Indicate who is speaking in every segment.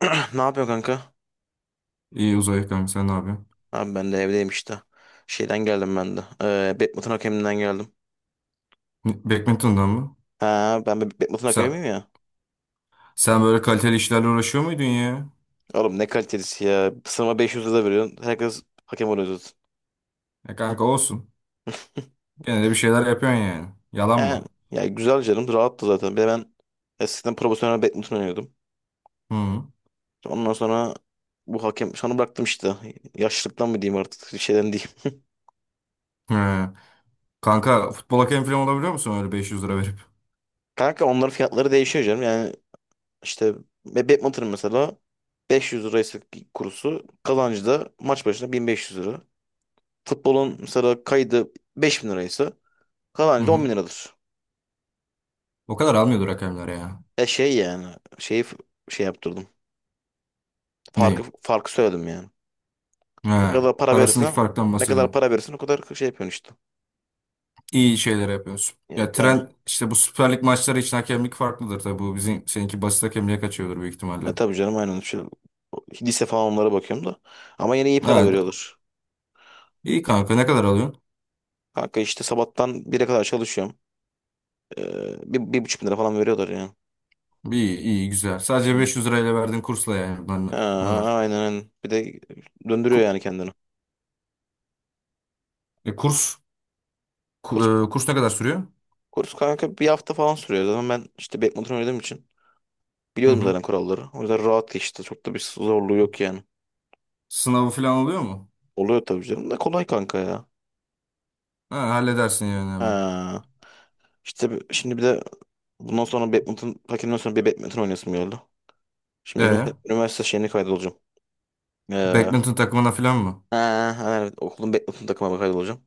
Speaker 1: Ne yapıyor kanka?
Speaker 2: İyi uzay ekonomi sen ne yapıyorsun?
Speaker 1: Abi ben de evdeyim işte. Şeyden geldim ben de. Badminton hakeminden geldim.
Speaker 2: Badminton'dan mı?
Speaker 1: Ha, ben bir Badminton hakemi
Speaker 2: Sen,
Speaker 1: miyim ya?
Speaker 2: sen böyle kaliteli işlerle uğraşıyor muydun ya?
Speaker 1: Oğlum ne kalitelisi ya. Sınıfa 500 lira veriyorsun. Herkes hakem oluyor zaten.
Speaker 2: Ya kanka olsun. Gene de bir şeyler yapıyorsun yani. Yalan
Speaker 1: Yani,
Speaker 2: mı?
Speaker 1: ya güzel canım. Rahattı zaten. Bir de ben eskiden profesyonel badminton oynuyordum.
Speaker 2: Hı.
Speaker 1: Ondan sonra bu hakem sonra bıraktım işte. Yaşlılıktan mı diyeyim artık şeyden diyeyim.
Speaker 2: He. Kanka futbol hakemi falan olabiliyor musun öyle 500 lira verip?
Speaker 1: Kanka onların fiyatları değişiyor canım. Yani işte ve badminton mesela 500 liraysa kurusu kazancı da maç başına 1500 lira. Futbolun mesela kaydı 5 bin liraysa
Speaker 2: Hı
Speaker 1: kazancı
Speaker 2: hı.
Speaker 1: 10 bin liradır.
Speaker 2: O kadar almıyordur hakemler ya.
Speaker 1: E şey yani şeyi f- şey yaptırdım. Farkı
Speaker 2: Ne?
Speaker 1: farkı söyledim yani.
Speaker 2: He.
Speaker 1: Ne kadar para
Speaker 2: Arasındaki
Speaker 1: verirsen
Speaker 2: farktan
Speaker 1: Ne kadar
Speaker 2: bahsediyorsun.
Speaker 1: para verirsen o kadar şey yapıyorsun işte.
Speaker 2: İyi şeyler yapıyorsun.
Speaker 1: Ya,
Speaker 2: Ya
Speaker 1: ya,
Speaker 2: tren işte bu Süper Lig maçları için hakemlik farklıdır tabii. Bu bizim seninki basit hakemliğe kaçıyordur büyük
Speaker 1: ya
Speaker 2: ihtimalle.
Speaker 1: tabii canım aynen. Şu, lise falan onlara bakıyorum da. Ama yine iyi para
Speaker 2: Yani
Speaker 1: veriyorlar.
Speaker 2: iyi kanka ne kadar alıyorsun?
Speaker 1: Kanka işte sabahtan bire kadar çalışıyorum. Bir, 1.500 lira falan veriyorlar yani.
Speaker 2: İyi, iyi, güzel.
Speaker 1: Hı.
Speaker 2: Sadece 500 lirayla verdiğim kursla yani
Speaker 1: Ha,
Speaker 2: bunlar.
Speaker 1: aynen aynen. Bir de döndürüyor
Speaker 2: Ku-
Speaker 1: yani kendini.
Speaker 2: e, kurs,
Speaker 1: Kurs,
Speaker 2: Kurs ne kadar sürüyor?
Speaker 1: kurs kanka bir hafta falan sürüyor. Zaten ben işte badminton oynadığım için.
Speaker 2: Hı
Speaker 1: Biliyordum
Speaker 2: hı.
Speaker 1: zaten kuralları. O yüzden rahat geçti. Çok da bir zorluğu yok yani.
Speaker 2: Sınavı falan oluyor mu?
Speaker 1: Oluyor tabii canım da kolay kanka ya.
Speaker 2: Ha, halledersin yani hemen.
Speaker 1: Ha. İşte şimdi bir de bundan sonra badminton, takimden sonra bir badminton oynayasım geldi. Şimdi
Speaker 2: E,
Speaker 1: üniversite, üniversite şeyine kaydolacağım. Ee,
Speaker 2: badminton takımına falan mı?
Speaker 1: ha, evet, okulun badminton takımına kaydolacağım.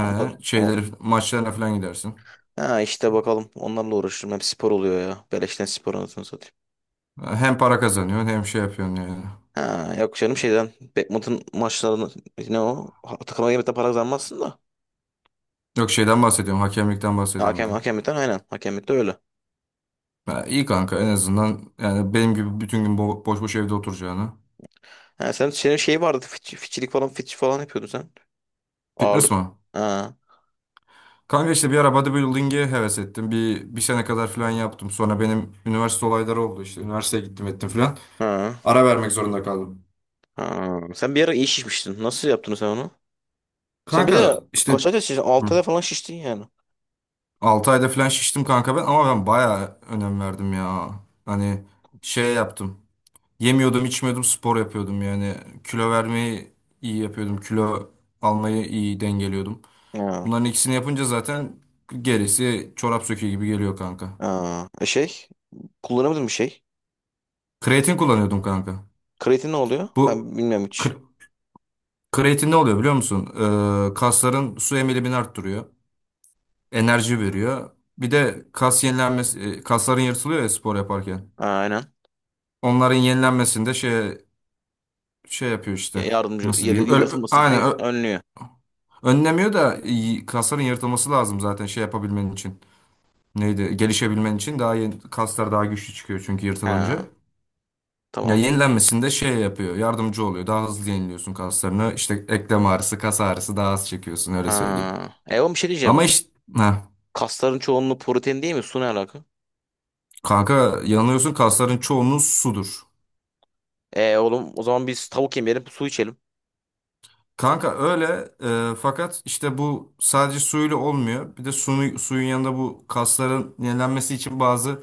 Speaker 1: Onlar, o,
Speaker 2: şeyleri, maçlarına falan gidersin.
Speaker 1: ha işte bakalım. Onlarla uğraşırım. Hep spor oluyor ya. Beleşten spor anasını satayım.
Speaker 2: Ha, hem para kazanıyorsun hem şey yapıyorsun yani.
Speaker 1: Ha, yok canım şeyden badminton maçlarını ne o? Ha, takıma girmekten para kazanmazsın da.
Speaker 2: Yok şeyden bahsediyorum, hakemlikten
Speaker 1: Ha,
Speaker 2: bahsediyorum
Speaker 1: hakem,
Speaker 2: ben.
Speaker 1: hakemlikten aynen. Hakemlikte öyle.
Speaker 2: Ha, iyi kanka en azından yani benim gibi bütün gün boş boş evde oturacağına.
Speaker 1: Ha, senin şey vardı fiçilik falan fiç falan yapıyordun sen.
Speaker 2: Fitness
Speaker 1: Ağırlık.
Speaker 2: mi?
Speaker 1: Ha,
Speaker 2: Kanka işte bir ara bodybuilding'e heves ettim. Bir sene kadar falan yaptım. Sonra benim üniversite olayları oldu işte. Üniversiteye gittim ettim falan.
Speaker 1: ha,
Speaker 2: Ara vermek zorunda kaldım.
Speaker 1: ha. Sen bir ara iyi şişmiştin. Nasıl yaptın sen onu? Sen bir
Speaker 2: Kanka
Speaker 1: de
Speaker 2: işte.
Speaker 1: kaç ayda şiştin? 6
Speaker 2: Hı.
Speaker 1: ayda falan şiştin yani.
Speaker 2: Ayda falan şiştim kanka ben, ama ben bayağı önem verdim ya. Hani şey yaptım. Yemiyordum, içmiyordum, spor yapıyordum yani. Kilo vermeyi iyi yapıyordum. Kilo almayı iyi dengeliyordum.
Speaker 1: Ha,
Speaker 2: Bunların ikisini yapınca zaten gerisi çorap söküğü gibi geliyor kanka.
Speaker 1: ha. E şey kullanamadın bir şey.
Speaker 2: Kreatin kullanıyordum kanka.
Speaker 1: Kreatin ne oluyor?
Speaker 2: Bu
Speaker 1: Ben bilmiyorum hiç.
Speaker 2: kreatin ne oluyor biliyor musun? Kasların su emilimini arttırıyor. Enerji veriyor. Bir de kas yenilenmesi, kasların yırtılıyor ya spor yaparken.
Speaker 1: Ha, aynen.
Speaker 2: Onların yenilenmesinde şey yapıyor işte.
Speaker 1: Yardımcı
Speaker 2: Nasıl diyeyim?
Speaker 1: yatılmasın
Speaker 2: Aynen
Speaker 1: önlüyor.
Speaker 2: önlemiyor da kasların yırtılması lazım zaten şey yapabilmen için. Neydi? Gelişebilmen için daha yeni, kaslar daha güçlü çıkıyor çünkü yırtılınca.
Speaker 1: Ha,
Speaker 2: Ya
Speaker 1: tamam.
Speaker 2: yenilenmesinde şey yapıyor, yardımcı oluyor. Daha hızlı yeniliyorsun kaslarını. İşte eklem ağrısı, kas ağrısı daha az çekiyorsun öyle söyleyeyim.
Speaker 1: Ha. E oğlum bir şey diyeceğim.
Speaker 2: Ama işte.
Speaker 1: Kasların çoğunluğu protein değil mi? Su ne alaka?
Speaker 2: Kanka yanılıyorsun, kasların çoğunluğu sudur.
Speaker 1: E oğlum o zaman biz tavuk yemeyelim su içelim.
Speaker 2: Kanka öyle, fakat işte bu sadece suyla olmuyor. Bir de suyu, suyun yanında bu kasların yenilenmesi için bazı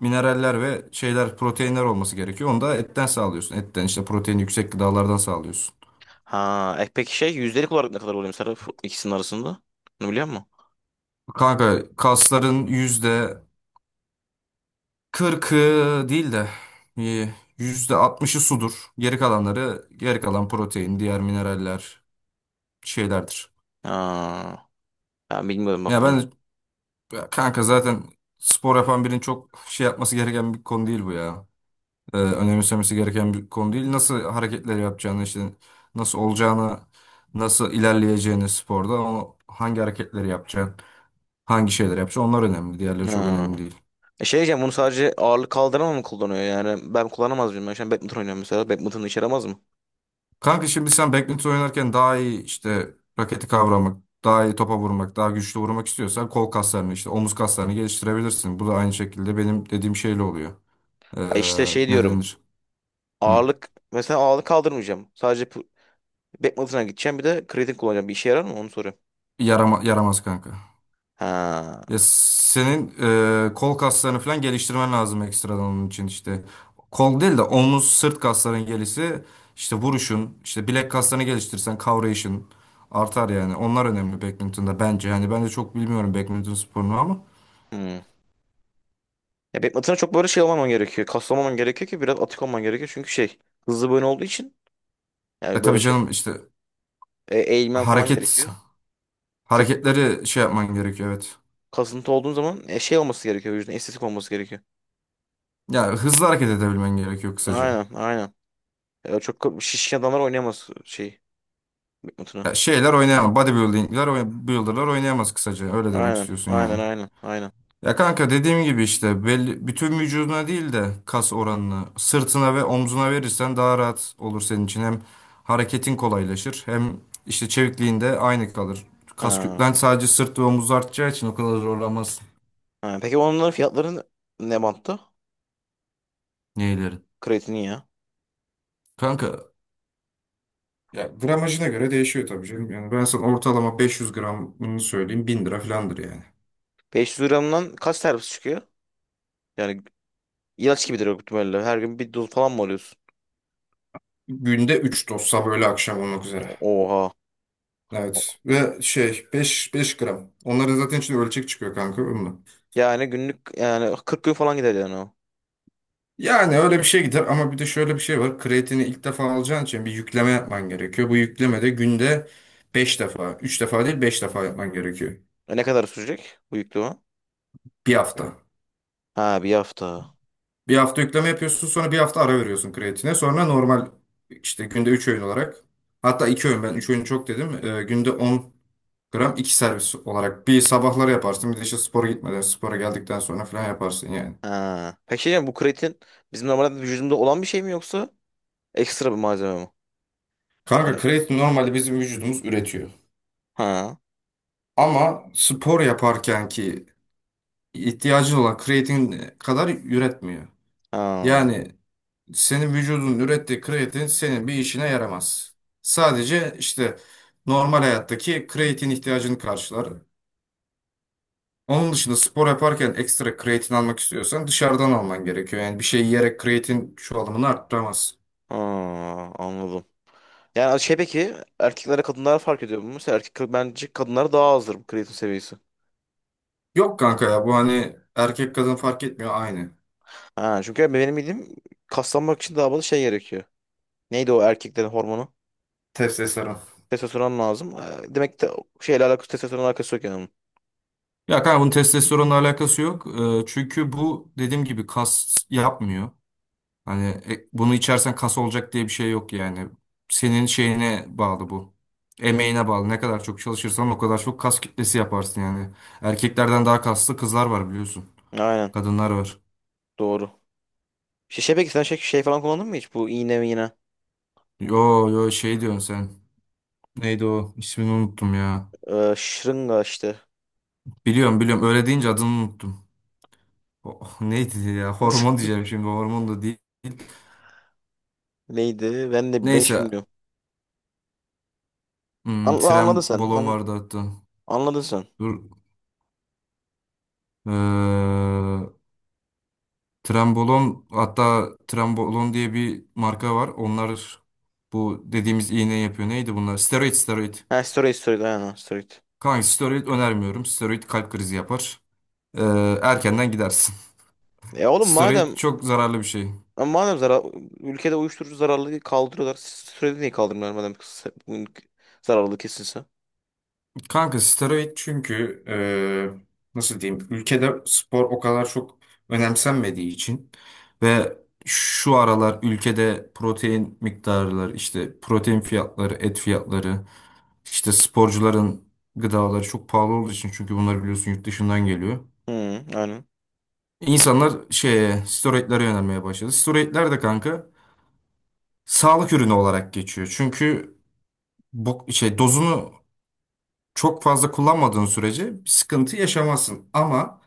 Speaker 2: mineraller ve şeyler, proteinler olması gerekiyor. Onu da etten sağlıyorsun. Etten, işte protein yüksek gıdalardan sağlıyorsun.
Speaker 1: Ha, peki şey yüzdelik olarak ne kadar oluyor mesela ikisinin arasında? Bunu biliyor musun?
Speaker 2: Kanka kasların %40'ı değil de, e, %60'ı sudur. Geri kalanları, geri kalan protein, diğer mineraller şeylerdir.
Speaker 1: Ha, ben bilmiyorum bak
Speaker 2: Ya
Speaker 1: bunu.
Speaker 2: ben. Ya kanka zaten spor yapan birinin çok şey yapması gereken bir konu değil bu ya. Önemsemesi gereken bir konu değil. Nasıl hareketler yapacağını, işte nasıl olacağını, nasıl ilerleyeceğini sporda, o hangi hareketleri yapacaksın, hangi şeyler yapacaksın, onlar önemli. Diğerleri çok
Speaker 1: Ha.
Speaker 2: önemli değil.
Speaker 1: E şey diyeceğim bunu sadece ağırlık kaldırma mı kullanıyor yani ben kullanamaz mıyım? Ben şu an badminton oynuyorum mesela badminton'u içeri alamaz mı?
Speaker 2: Kanka şimdi sen badminton oynarken daha iyi işte raketi kavramak, daha iyi topa vurmak, daha güçlü vurmak istiyorsan kol kaslarını, işte omuz kaslarını geliştirebilirsin. Bu da aynı şekilde benim dediğim şeyle oluyor. Ee,
Speaker 1: Ha işte şey
Speaker 2: Ne
Speaker 1: diyorum
Speaker 2: denir? Hı.
Speaker 1: ağırlık mesela ağırlık kaldırmayacağım sadece badminton'a gideceğim bir de kreatin kullanacağım bir işe yarar mı onu soruyorum.
Speaker 2: Yaramaz kanka.
Speaker 1: Ha.
Speaker 2: Ya senin kol kaslarını falan geliştirmen lazım ekstradan onun için işte. Kol değil de omuz, sırt kasların gelişi, işte vuruşun, işte bilek kaslarını geliştirirsen kavrayışın artar yani. Onlar önemli badminton'da bence. Yani ben de çok bilmiyorum badminton sporunu ama.
Speaker 1: Hmm. Ya badminton'a çok böyle şey olmaman gerekiyor kaslamaman gerekiyor ki biraz atık olman gerekiyor çünkü şey hızlı bir oyun olduğu için
Speaker 2: E
Speaker 1: yani
Speaker 2: tabii
Speaker 1: böyle şey
Speaker 2: canım, işte
Speaker 1: eğilmen falan
Speaker 2: hareket
Speaker 1: gerekiyor. Çok
Speaker 2: hareketleri şey yapman gerekiyor, evet.
Speaker 1: kasıntı olduğun zaman şey olması gerekiyor vücudun estetik olması gerekiyor.
Speaker 2: Ya hızlı hareket edebilmen gerekiyor kısaca.
Speaker 1: Aynen aynen. Çok şişkin adamlar oynayamaz şey mutunu.
Speaker 2: Ya şeyler oynayamaz. Bodybuilding'ler, builder'lar oynayamaz kısaca. Öyle demek
Speaker 1: Aynen
Speaker 2: istiyorsun yani.
Speaker 1: aynen aynen aynen.
Speaker 2: Ya kanka dediğim gibi işte belli, bütün vücuduna değil de kas oranını sırtına ve omzuna verirsen daha rahat olur senin için. Hem hareketin kolaylaşır, hem işte çevikliğin de aynı kalır. Kas
Speaker 1: Ha.
Speaker 2: kütlen sadece sırt ve omuz artacağı için o kadar zorlanmazsın.
Speaker 1: Ha. Peki onların fiyatları ne bantta?
Speaker 2: Neylerin?
Speaker 1: Kreatinin ya.
Speaker 2: Kanka ya gramajına göre değişiyor tabii canım. Yani ben sana ortalama 500 gramını söyleyeyim, 1000 lira falandır yani.
Speaker 1: 500 gramdan kaç terapisi çıkıyor? Yani ilaç gibidir o ihtimalle. Her gün bir doz falan mı alıyorsun?
Speaker 2: Günde 3 doz, sabah öğle akşam olmak üzere.
Speaker 1: Oha.
Speaker 2: Evet, ve şey 5 5 gram. Onların zaten içinde ölçek çıkıyor kanka. Onunla.
Speaker 1: Yani günlük yani 40 gün falan gider yani o.
Speaker 2: Yani öyle bir şey gider, ama bir de şöyle bir şey var. Kreatini ilk defa alacağın için bir yükleme yapman gerekiyor. Bu yüklemede günde 5 defa, 3 defa değil 5 defa yapman gerekiyor.
Speaker 1: Ne kadar sürecek bu yükleme?
Speaker 2: Bir hafta.
Speaker 1: Ha, bir hafta.
Speaker 2: Bir hafta yükleme yapıyorsun, sonra bir hafta ara veriyorsun kreatine. Sonra normal işte günde 3 öğün olarak, hatta 2 öğün, ben 3 öğün çok dedim. Günde 10 gram 2 servis olarak, bir sabahları yaparsın, bir de işte spora gitmeden, spora geldikten sonra falan yaparsın yani.
Speaker 1: Ha. Peki şey diyeceğim, bu kreatin bizim normalde vücudumuzda olan bir şey mi yoksa ekstra bir malzeme mi?
Speaker 2: Kanka
Speaker 1: Yani-
Speaker 2: kreatin normalde bizim vücudumuz üretiyor.
Speaker 1: Ha.
Speaker 2: Ama spor yaparken ki ihtiyacın olan kreatin kadar üretmiyor.
Speaker 1: Ha.
Speaker 2: Yani senin vücudun ürettiği kreatin senin bir işine yaramaz. Sadece işte normal hayattaki kreatin ihtiyacını karşılar. Onun dışında spor yaparken ekstra kreatin almak istiyorsan dışarıdan alman gerekiyor. Yani bir şey yiyerek kreatin çoğalımını arttıramaz.
Speaker 1: Ha. Anladım. Yani şey peki erkeklere kadınlara fark ediyor mu? Mesela erkek bence kadınlara daha azdır bu kreatin seviyesi.
Speaker 2: Yok kanka ya, bu hani erkek kadın fark etmiyor, aynı.
Speaker 1: Ha, çünkü benim bildiğim kaslanmak için daha fazla şey gerekiyor. Neydi o erkeklerin hormonu?
Speaker 2: Testosteron.
Speaker 1: Testosteron lazım. Demek ki de şeyle alakası testosteron alakası yok yani.
Speaker 2: Ya kanka bunun testosteronla alakası yok. Çünkü bu dediğim gibi kas yapmıyor. Hani bunu içersen kas olacak diye bir şey yok yani. Senin şeyine bağlı bu. Emeğine bağlı. Ne kadar çok çalışırsan o kadar çok kas kitlesi yaparsın yani. Erkeklerden daha kaslı kızlar var, biliyorsun.
Speaker 1: Bunun. Aynen.
Speaker 2: Kadınlar var.
Speaker 1: Doğru. Şey, şey peki sen şey, şey falan kullandın mı hiç? Bu iğne mi yine?
Speaker 2: Yo yo, şey diyorsun sen. Neydi o? İsmini unuttum ya.
Speaker 1: Şırınga işte.
Speaker 2: Biliyorum biliyorum. Öyle deyince adını unuttum. Oh, neydi ya? Hormon diyeceğim şimdi. Hormon da değil.
Speaker 1: Neydi? Ben de ben hiç
Speaker 2: Neyse.
Speaker 1: bilmiyorum. Anladın
Speaker 2: Tren
Speaker 1: sen.
Speaker 2: balon vardı hatta.
Speaker 1: Anladın sen.
Speaker 2: Dur. Ee, Trenbolon, hatta Trenbolon diye bir marka var. Onlar bu dediğimiz iğne yapıyor. Neydi bunlar? Steroid, steroid.
Speaker 1: Ha, steroid steroid aynen ha, steroid.
Speaker 2: Kanka steroid önermiyorum. Steroid kalp krizi yapar. Ee, Erkenden gidersin.
Speaker 1: E oğlum
Speaker 2: Steroid
Speaker 1: madem
Speaker 2: çok zararlı bir şey.
Speaker 1: zarar, ülkede uyuşturucu zararlılığı kaldırıyorlar. Steroidi niye kaldırmıyorlar madem bunun zararlılığı kesinse?
Speaker 2: Kanka steroid çünkü, nasıl diyeyim, ülkede spor o kadar çok önemsenmediği için, ve şu aralar ülkede protein miktarları, işte protein fiyatları, et fiyatları, işte sporcuların gıdaları çok pahalı olduğu için, çünkü bunlar biliyorsun yurt dışından geliyor.
Speaker 1: Hı, aynen.
Speaker 2: İnsanlar şeye, steroidlere yönelmeye başladı. Steroidler de kanka sağlık ürünü olarak geçiyor. Çünkü bu şey dozunu çok fazla kullanmadığın sürece bir sıkıntı yaşamazsın ama.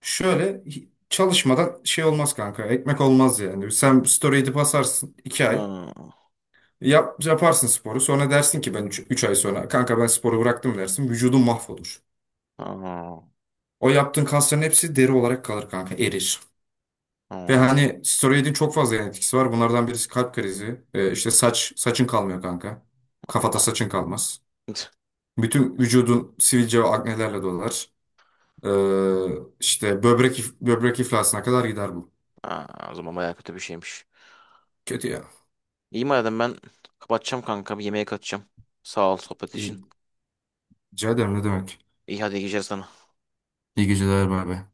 Speaker 2: Şöyle çalışmadan şey olmaz kanka. Ekmek olmaz yani. Sen story edip asarsın 2 ay.
Speaker 1: Aa,
Speaker 2: Yap, yaparsın sporu. Sonra dersin ki, ben 3 ay sonra kanka ben sporu bıraktım dersin. Vücudun mahvolur.
Speaker 1: aa,
Speaker 2: O yaptığın kasların hepsi deri olarak kalır kanka. Erir. Ve
Speaker 1: aa,
Speaker 2: hani steroidin çok fazla yan etkisi var. Bunlardan birisi kalp krizi. İşte saçın kalmıyor kanka. Kafada
Speaker 1: aa.
Speaker 2: saçın kalmaz. Bütün vücudun sivilce ve aknelerle dolar. İşte böbrek böbrek iflasına kadar gider bu.
Speaker 1: Aa, o zaman bayağı kötü bir şeymiş.
Speaker 2: Kötü ya.
Speaker 1: İyi madem ben kapatacağım kanka bir yemeğe kaçacağım. Sağ ol sohbet için.
Speaker 2: İyi. Rica ederim, ne demek.
Speaker 1: İyi, hadi, iyi geceler sana.
Speaker 2: İyi geceler, bay bay.